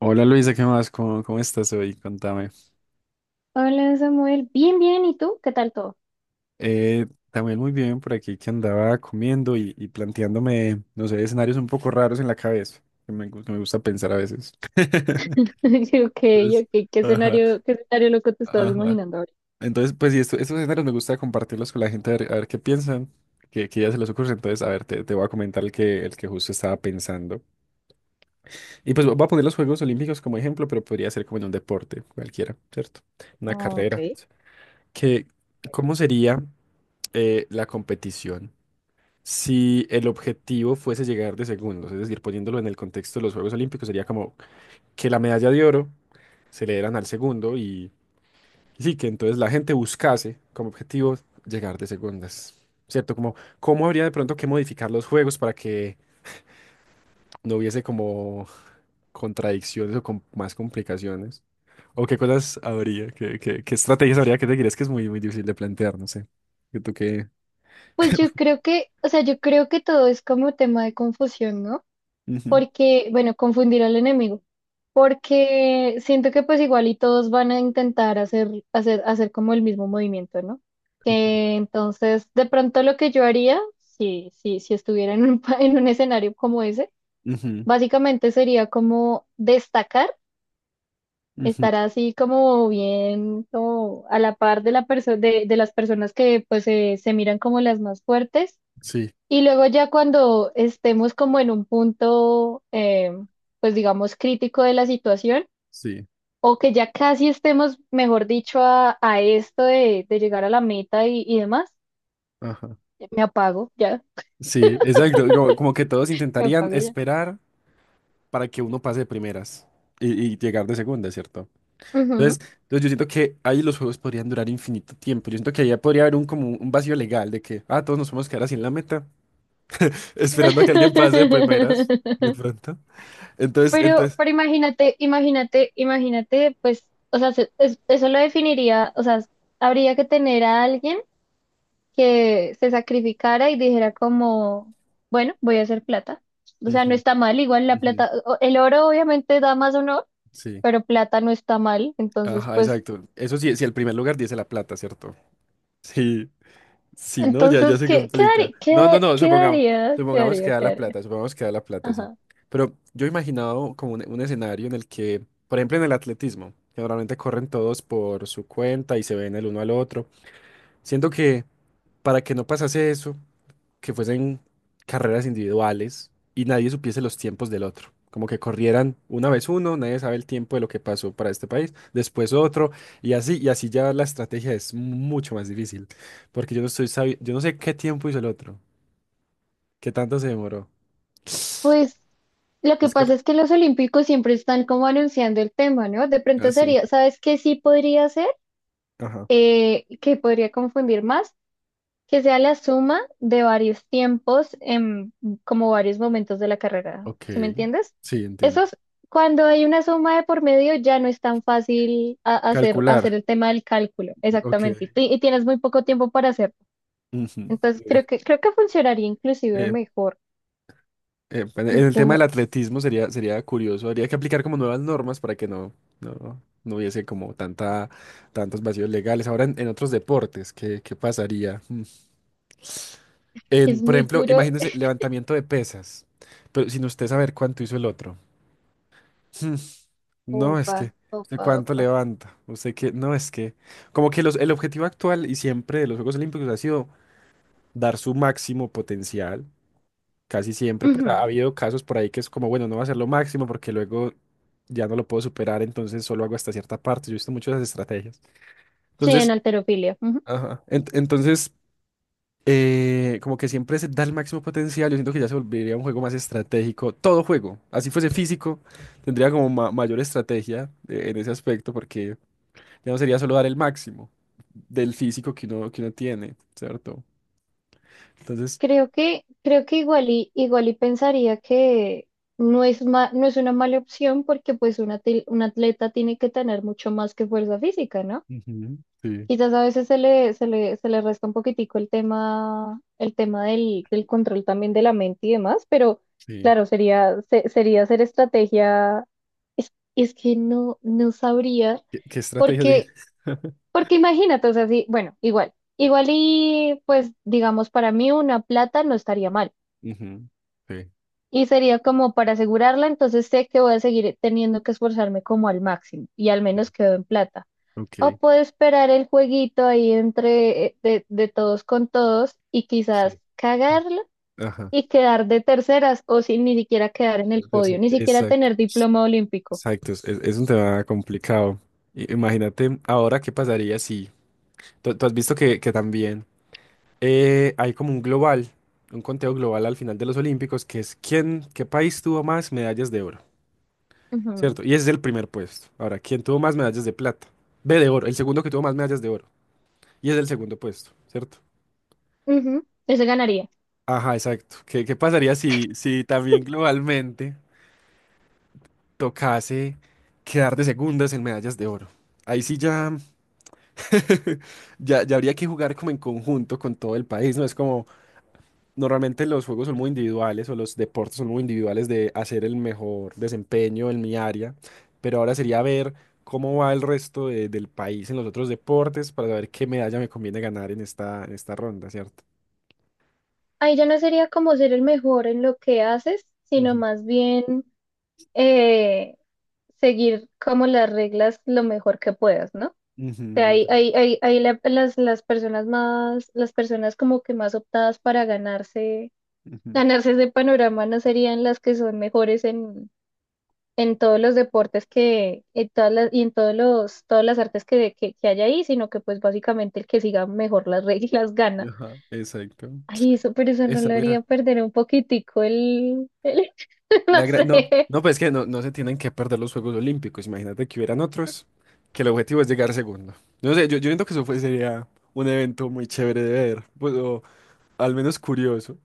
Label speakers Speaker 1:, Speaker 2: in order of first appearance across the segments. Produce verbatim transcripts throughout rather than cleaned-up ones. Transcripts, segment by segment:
Speaker 1: Hola Luisa, ¿qué más? ¿Cómo, cómo estás hoy? Contame.
Speaker 2: Hola Samuel, bien, bien, ¿y tú? ¿Qué tal todo?
Speaker 1: Eh, también muy bien por aquí. Que andaba comiendo y, y planteándome, no sé, escenarios un poco raros en la cabeza, que me, gu- que me gusta pensar a veces.
Speaker 2: Yo, Ok,
Speaker 1: Entonces,
Speaker 2: ok, ¿qué
Speaker 1: ajá,
Speaker 2: escenario, qué escenario loco te estabas
Speaker 1: ajá.
Speaker 2: imaginando ahora?
Speaker 1: Entonces, pues, y esto- estos escenarios me gusta compartirlos con la gente a ver, a ver qué piensan, qué, qué ya se les ocurre. Entonces, a ver, te, te voy a comentar el que, el que justo estaba pensando. Y pues voy a poner los Juegos Olímpicos como ejemplo, pero podría ser como en un deporte cualquiera, ¿cierto? Una
Speaker 2: Ah, Ok.
Speaker 1: carrera. Que, ¿cómo sería eh, la competición? Si el objetivo fuese llegar de segundos, es decir, poniéndolo en el contexto de los Juegos Olímpicos, sería como que la medalla de oro se le dieran al segundo y, y sí, que entonces la gente buscase como objetivo llegar de segundas, ¿cierto? Como, ¿cómo habría de pronto que modificar los juegos para que no hubiese como contradicciones o con más complicaciones? ¿O qué cosas habría? ¿Qué, qué- qué estrategias habría que seguir? Es que es muy, muy difícil de plantear, no sé. ¿Tú qué?
Speaker 2: Pues yo creo que, o sea, yo creo que todo es como tema de confusión, ¿no?
Speaker 1: Ujú.
Speaker 2: Porque, bueno, confundir al enemigo, porque siento que pues igual y todos van a intentar hacer, hacer, hacer como el mismo movimiento, ¿no? Que entonces, de pronto lo que yo haría, si, si, si estuviera en un, pa- en un escenario como ese,
Speaker 1: Ujú,
Speaker 2: básicamente sería como destacar,
Speaker 1: ujú,
Speaker 2: estar así como bien, como a la par de la perso- de, de las personas que pues se se miran como las más fuertes,
Speaker 1: sí.
Speaker 2: y luego ya cuando estemos como en un punto eh, pues digamos crítico de la situación,
Speaker 1: Sí,
Speaker 2: o que ya casi estemos, mejor dicho, a, a esto de, de llegar a la meta y, y demás,
Speaker 1: ajá.
Speaker 2: me apago ya,
Speaker 1: Sí, exacto. Como, como que todos
Speaker 2: me
Speaker 1: intentarían
Speaker 2: apago ya.
Speaker 1: esperar para que uno pase de primeras y, y llegar de segunda, ¿cierto?
Speaker 2: Ujú.
Speaker 1: Entonces, entonces yo siento que ahí los juegos podrían durar infinito tiempo. Yo siento que ahí ya podría haber un como un vacío legal de que, ah, todos nos vamos a quedar así en la meta, esperando a que alguien pase de primeras, de pronto. Entonces,
Speaker 2: Pero,
Speaker 1: entonces.
Speaker 2: pero imagínate, imagínate, imagínate, pues, o sea, se- es- eso lo definiría, o sea, habría que tener a alguien que se sacrificara y dijera como, bueno, voy a hacer plata. O sea,
Speaker 1: Ujú,
Speaker 2: no está mal, igual la
Speaker 1: ujú,
Speaker 2: plata, o- el oro obviamente da más honor,
Speaker 1: sí.
Speaker 2: pero plata no está mal, entonces,
Speaker 1: Ajá,
Speaker 2: pues,
Speaker 1: exacto. Eso sí, si el primer lugar dice la plata, ¿cierto? Sí. Si no, ya, ya
Speaker 2: entonces,
Speaker 1: se
Speaker 2: ¿qué, qué
Speaker 1: complica.
Speaker 2: daría,
Speaker 1: No, no,
Speaker 2: qué,
Speaker 1: no,
Speaker 2: qué
Speaker 1: supongamos,
Speaker 2: daría, qué
Speaker 1: supongamos que
Speaker 2: daría,
Speaker 1: da
Speaker 2: qué
Speaker 1: la
Speaker 2: daría?
Speaker 1: plata, supongamos que da la plata, sí.
Speaker 2: Ajá.
Speaker 1: Pero yo he imaginado como un, un escenario en el que, por ejemplo, en el atletismo, que normalmente corren todos por su cuenta y se ven el uno al otro. Siento que para que no pasase eso, que fuesen carreras individuales y nadie supiese los tiempos del otro. Como que corrieran una vez uno, nadie sabe el tiempo de lo que pasó para este país, después otro, y así, y así ya la estrategia es mucho más difícil, porque yo no estoy sabi- yo no sé qué tiempo hizo el otro, qué tanto se demoró. Es
Speaker 2: Pues, lo que pasa
Speaker 1: cor-
Speaker 2: es que los olímpicos siempre están como anunciando el tema, ¿no? De
Speaker 1: ah,
Speaker 2: pronto
Speaker 1: sí.
Speaker 2: sería, ¿sabes qué sí podría ser?
Speaker 1: Ajá.
Speaker 2: Eh, que podría confundir más, que sea la suma de varios tiempos en como varios momentos de la carrera.
Speaker 1: Ok.
Speaker 2: ¿Sí me entiendes?
Speaker 1: Sí,
Speaker 2: Eso
Speaker 1: entiendo.
Speaker 2: es, cuando hay una suma de por medio ya no es tan fácil a- hacer, hacer
Speaker 1: Calcular.
Speaker 2: el tema del cálculo, exactamente. Y,
Speaker 1: Ok.
Speaker 2: ti- y tienes muy poco tiempo para hacerlo.
Speaker 1: Ujú.
Speaker 2: Entonces
Speaker 1: Eh,
Speaker 2: creo que, creo que funcionaría inclusive
Speaker 1: eh,
Speaker 2: mejor.
Speaker 1: Eh, bueno, en
Speaker 2: Sí,
Speaker 1: el
Speaker 2: yo
Speaker 1: tema del
Speaker 2: no,
Speaker 1: atletismo sería, sería curioso. Habría que aplicar como nuevas normas para que no, no, no hubiese como tanta, tantos vacíos legales. Ahora en, en otros deportes, ¿qué, qué pasaría? Mm.
Speaker 2: que
Speaker 1: En,
Speaker 2: es
Speaker 1: por
Speaker 2: muy
Speaker 1: ejemplo,
Speaker 2: duro.
Speaker 1: imagínese levantamiento de pesas, pero sin usted saber cuánto hizo el otro. Mm, No, es
Speaker 2: Opa,
Speaker 1: que, ¿usted
Speaker 2: opa,
Speaker 1: cuánto
Speaker 2: opa.
Speaker 1: levanta? Usted que, no, es que, como que los, el objetivo actual y siempre de los Juegos Olímpicos ha sido dar su máximo potencial. Casi siempre, pues
Speaker 2: Ujú.
Speaker 1: ha habido casos por ahí que es como, bueno, no va a ser lo máximo porque luego ya no lo puedo superar, entonces solo hago hasta cierta parte. Yo he visto muchas estrategias.
Speaker 2: Sí, en
Speaker 1: Entonces,
Speaker 2: alterofilia.
Speaker 1: ajá, ent- entonces, eh, como que siempre se da el máximo potencial. Yo siento que ya se volvería un juego más estratégico. Todo juego, así fuese físico, tendría como ma- mayor estrategia eh, en ese aspecto, porque ya no sería solo dar el máximo del físico que uno, que uno tiene, ¿cierto? Entonces,
Speaker 2: Creo que, creo que igual y, igual y pensaría que no es ma- no es una mala opción porque pues un, atil- un atleta tiene que tener mucho más que fuerza física, ¿no?
Speaker 1: ujú, sí,
Speaker 2: Quizás a veces se le, se le, se le resta un poquitico el tema, el tema del, del control también de la mente y demás, pero
Speaker 1: sí.
Speaker 2: claro, sería, se- sería hacer estrategia, es, es que no, no sabría,
Speaker 1: ¿Qué, qué estrategia?
Speaker 2: porque, porque imagínate, o sea, sí, bueno, igual, igual y pues digamos para mí una plata no estaría mal,
Speaker 1: Ujú, sí,
Speaker 2: y sería como para asegurarla, entonces sé que voy a seguir teniendo que esforzarme como al máximo y al
Speaker 1: sí,
Speaker 2: menos quedo en plata. O
Speaker 1: ok.
Speaker 2: puedo esperar el jueguito ahí entre eh, de, de todos con todos y quizás
Speaker 1: Sí.
Speaker 2: cagarla
Speaker 1: Ajá.
Speaker 2: y quedar de terceras o sin ni siquiera quedar en el
Speaker 1: Perce-
Speaker 2: podio, ni siquiera
Speaker 1: Exacto.
Speaker 2: tener diploma olímpico.
Speaker 1: Exacto. Es, es- es un tema complicado. I- Imagínate ahora qué pasaría si. Tú, tú has visto que, que también eh, hay como un global, un conteo global al final de los Olímpicos, que es quién, qué país tuvo más medallas de oro,
Speaker 2: Ujú,
Speaker 1: ¿cierto? Y ese es el primer puesto. Ahora, ¿quién tuvo más medallas de plata? Ve de oro, el segundo que tuvo más medallas de oro. Y es el segundo puesto, ¿cierto?
Speaker 2: ujú, ese ganaría.
Speaker 1: Ajá, exacto. ¿Qué, qué pasaría si, si también globalmente tocase quedar de segundas en medallas de oro? Ahí sí ya, ya, ya habría que jugar como en conjunto con todo el país, ¿no? Es como normalmente los juegos son muy individuales o los deportes son muy individuales de hacer el mejor desempeño en mi área, pero ahora sería ver cómo va el resto de- del país en los otros deportes, para ver qué medalla me conviene ganar en esta, en esta ronda, ¿cierto?
Speaker 2: Ahí ya no sería como ser el mejor en lo que haces, sino
Speaker 1: Ujú.
Speaker 2: más bien, eh, seguir como las reglas lo mejor que puedas, ¿no?
Speaker 1: Ujú,
Speaker 2: Sea, hay,
Speaker 1: exacto.
Speaker 2: hay, hay, hay la- las, las personas más, las personas como que más optadas para ganarse,
Speaker 1: Ujú.
Speaker 2: ganarse ese panorama no serían las que son mejores en, en todos los deportes que, en todas las, y en todos los, todas las artes que, que, que hay ahí, sino que pues básicamente el que siga mejor las reglas gana.
Speaker 1: Ajá, exacto.
Speaker 2: Ay, eso, pero eso no
Speaker 1: Esa
Speaker 2: lo haría perder un poquitico el, el no
Speaker 1: La gra- No,
Speaker 2: sé.
Speaker 1: no, pues es que no, no se tienen que perder los Juegos Olímpicos. Imagínate que hubieran otros, que el objetivo es llegar segundo. No sé, yo, yo siento que eso fue- sería un evento muy chévere de ver, pues, o al menos curioso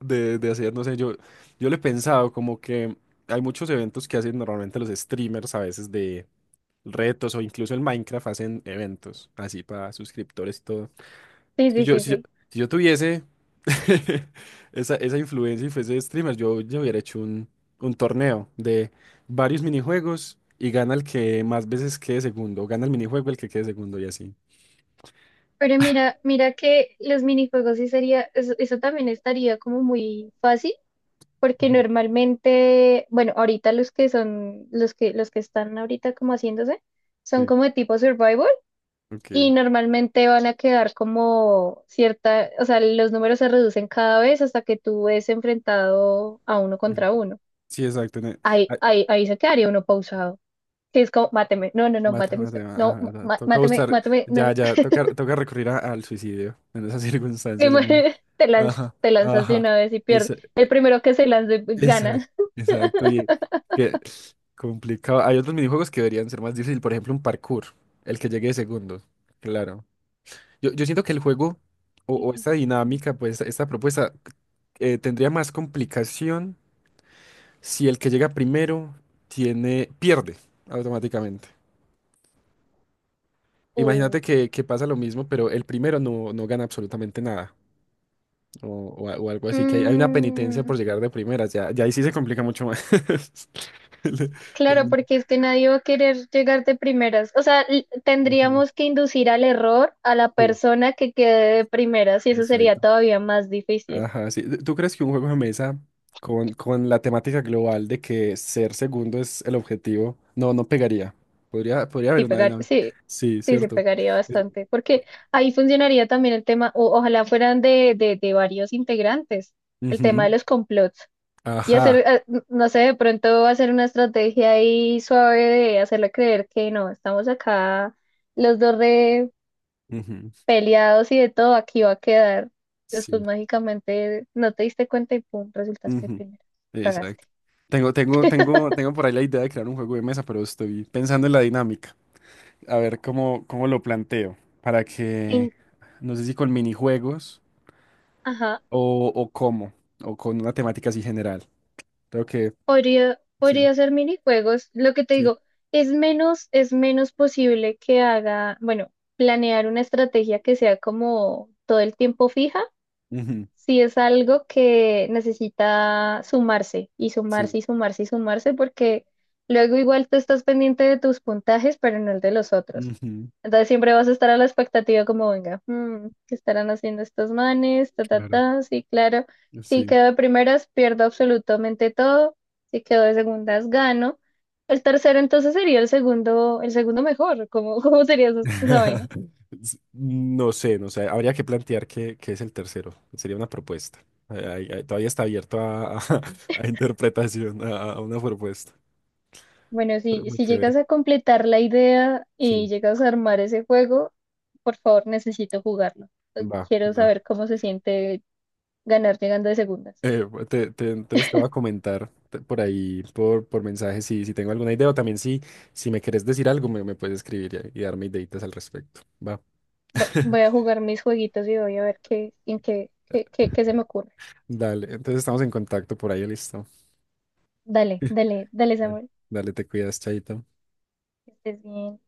Speaker 1: de, de hacer. No sé, yo, yo le he pensado como que hay muchos eventos que hacen normalmente los streamers a veces de retos, o incluso el Minecraft hacen eventos así para suscriptores y todo.
Speaker 2: Sí,
Speaker 1: Si
Speaker 2: sí,
Speaker 1: yo,
Speaker 2: sí,
Speaker 1: si yo,
Speaker 2: sí.
Speaker 1: si yo tuviese Esa, esa influencia y fuese streamer, yo, yo hubiera hecho un, un torneo de varios minijuegos y gana el que más veces quede segundo, gana el minijuego el que quede segundo y así.
Speaker 2: Pero mira, mira que los minijuegos sí sería, eso, eso también estaría como muy fácil porque
Speaker 1: Ujú.
Speaker 2: normalmente, bueno, ahorita los que son, los que, los que están ahorita como haciéndose, son
Speaker 1: Sí,
Speaker 2: como de tipo survival y
Speaker 1: ok.
Speaker 2: normalmente van a quedar como cierta, o sea, los números se reducen cada vez hasta que tú ves enfrentado a uno
Speaker 1: Ujú.
Speaker 2: contra uno.
Speaker 1: Sí, exacto. Ne-
Speaker 2: Ahí,
Speaker 1: ay,
Speaker 2: ahí, ahí se quedaría uno pausado, que es como, máteme, no, no, no,
Speaker 1: mata,
Speaker 2: máteme,
Speaker 1: mata,
Speaker 2: usted,
Speaker 1: ma- ah,
Speaker 2: no,
Speaker 1: ah,
Speaker 2: ma-
Speaker 1: toca
Speaker 2: máteme,
Speaker 1: buscar,
Speaker 2: máteme, no,
Speaker 1: ya,
Speaker 2: no.
Speaker 1: ya, toca, toca recurrir a- al suicidio en esas
Speaker 2: Y
Speaker 1: circunstancias de nuevo.
Speaker 2: muere, te lanzas,
Speaker 1: Ajá,
Speaker 2: te lanzas de
Speaker 1: ajá.
Speaker 2: una vez y pierdes. El primero que se lance
Speaker 1: Exacto,
Speaker 2: gana.
Speaker 1: exacto, y que complicado. Hay otros minijuegos que deberían ser más difíciles, por ejemplo, un parkour, el que llegue de segundo, claro. Yo, yo siento que el juego o, o esta dinámica, pues esta propuesta eh, tendría más complicación si el que llega primero tiene, pierde automáticamente. Imagínate
Speaker 2: Uy.
Speaker 1: que, que pasa lo mismo, pero el primero no, no gana absolutamente nada o, o a- o algo así, que hay, hay una penitencia
Speaker 2: Mm.
Speaker 1: por llegar de primeras, ya, ya ahí sí se complica mucho más. El-
Speaker 2: Claro,
Speaker 1: el-
Speaker 2: porque es que nadie va a querer llegar de primeras. O sea, l-
Speaker 1: Ujú.
Speaker 2: tendríamos que inducir al error a la
Speaker 1: Sí.
Speaker 2: persona que quede de primeras y eso sería
Speaker 1: Exacto.
Speaker 2: todavía más difícil.
Speaker 1: Ajá, sí. ¿Tú crees que un juego de mesa con, con la temática global de que ser segundo es el objetivo? No, no pegaría. Podría, podría haber
Speaker 2: Sí,
Speaker 1: una
Speaker 2: pegar,
Speaker 1: dinámica.
Speaker 2: sí,
Speaker 1: Sí,
Speaker 2: sí, se
Speaker 1: cierto.
Speaker 2: pegaría
Speaker 1: Eh,
Speaker 2: bastante, porque ahí funcionaría también el tema, o, ojalá fueran de, de, de varios integrantes, el tema
Speaker 1: Ujú.
Speaker 2: de los complots, y hacer,
Speaker 1: Ajá.
Speaker 2: eh, n- no sé, de pronto hacer una estrategia ahí suave de hacerle creer que no, estamos acá los dos
Speaker 1: Ujú.
Speaker 2: peleados y de todo, aquí va a quedar.
Speaker 1: Sí.
Speaker 2: Después mágicamente no te diste cuenta y pum, resultaste
Speaker 1: Ujú.
Speaker 2: primero. Cagaste.
Speaker 1: Exacto. Tengo, tengo, tengo, tengo por ahí la idea de crear un juego de mesa, pero estoy pensando en la dinámica. A ver cómo, cómo lo planteo. Para que,
Speaker 2: En,
Speaker 1: no sé si con minijuegos
Speaker 2: ajá,
Speaker 1: o, o cómo, o con una temática así general. Creo que
Speaker 2: podría,
Speaker 1: sí,
Speaker 2: podría hacer minijuegos. Lo que te
Speaker 1: sí.
Speaker 2: digo, es menos, es menos posible que haga, bueno, planear una estrategia que sea como todo el tiempo fija.
Speaker 1: Ujú,
Speaker 2: Sí, es algo que necesita sumarse y
Speaker 1: sí.
Speaker 2: sumarse y sumarse y sumarse porque luego igual tú estás pendiente de tus puntajes, pero no el de los otros.
Speaker 1: Ujú,
Speaker 2: Entonces siempre vas a estar a la expectativa como, venga, mm, ¿qué estarán haciendo estos manes? Ta, ta,
Speaker 1: claro,
Speaker 2: ta. Sí, claro. Si
Speaker 1: sí.
Speaker 2: quedo de primeras, pierdo absolutamente todo. Si quedo de segundas, gano. El tercero entonces sería el segundo, el segundo mejor. ¿Cómo, cómo sería esa, esa vaina?
Speaker 1: S- No sé, no sé. Habría que plantear qué, qué es el tercero. Sería una propuesta. Ahí- ahí- ahí todavía está abierto a, a- a interpretación, a, a una propuesta.
Speaker 2: Bueno,
Speaker 1: Pero
Speaker 2: si,
Speaker 1: muy
Speaker 2: si llegas
Speaker 1: chévere.
Speaker 2: a completar la idea y
Speaker 1: Sí,
Speaker 2: llegas a armar ese juego, por favor, necesito jugarlo. Eh,
Speaker 1: va,
Speaker 2: Quiero
Speaker 1: va.
Speaker 2: saber cómo se siente ganar llegando de segundas.
Speaker 1: Eh, pues, te- te- entonces te voy a comentar te- por ahí, por, por mensaje, si, si tengo alguna idea. O también si, si me quieres decir algo, me, me puedes escribir y, y darme ideitas al respecto. Va.
Speaker 2: Va- Voy a jugar mis jueguitos y voy a ver qué, en qué, qué, qué, qué se me ocurre.
Speaker 1: Dale, entonces estamos en contacto por ahí, listo.
Speaker 2: Dale, dale, dale, Samuel.
Speaker 1: Dale, te cuidas, chaito.
Speaker 2: Que estés bien.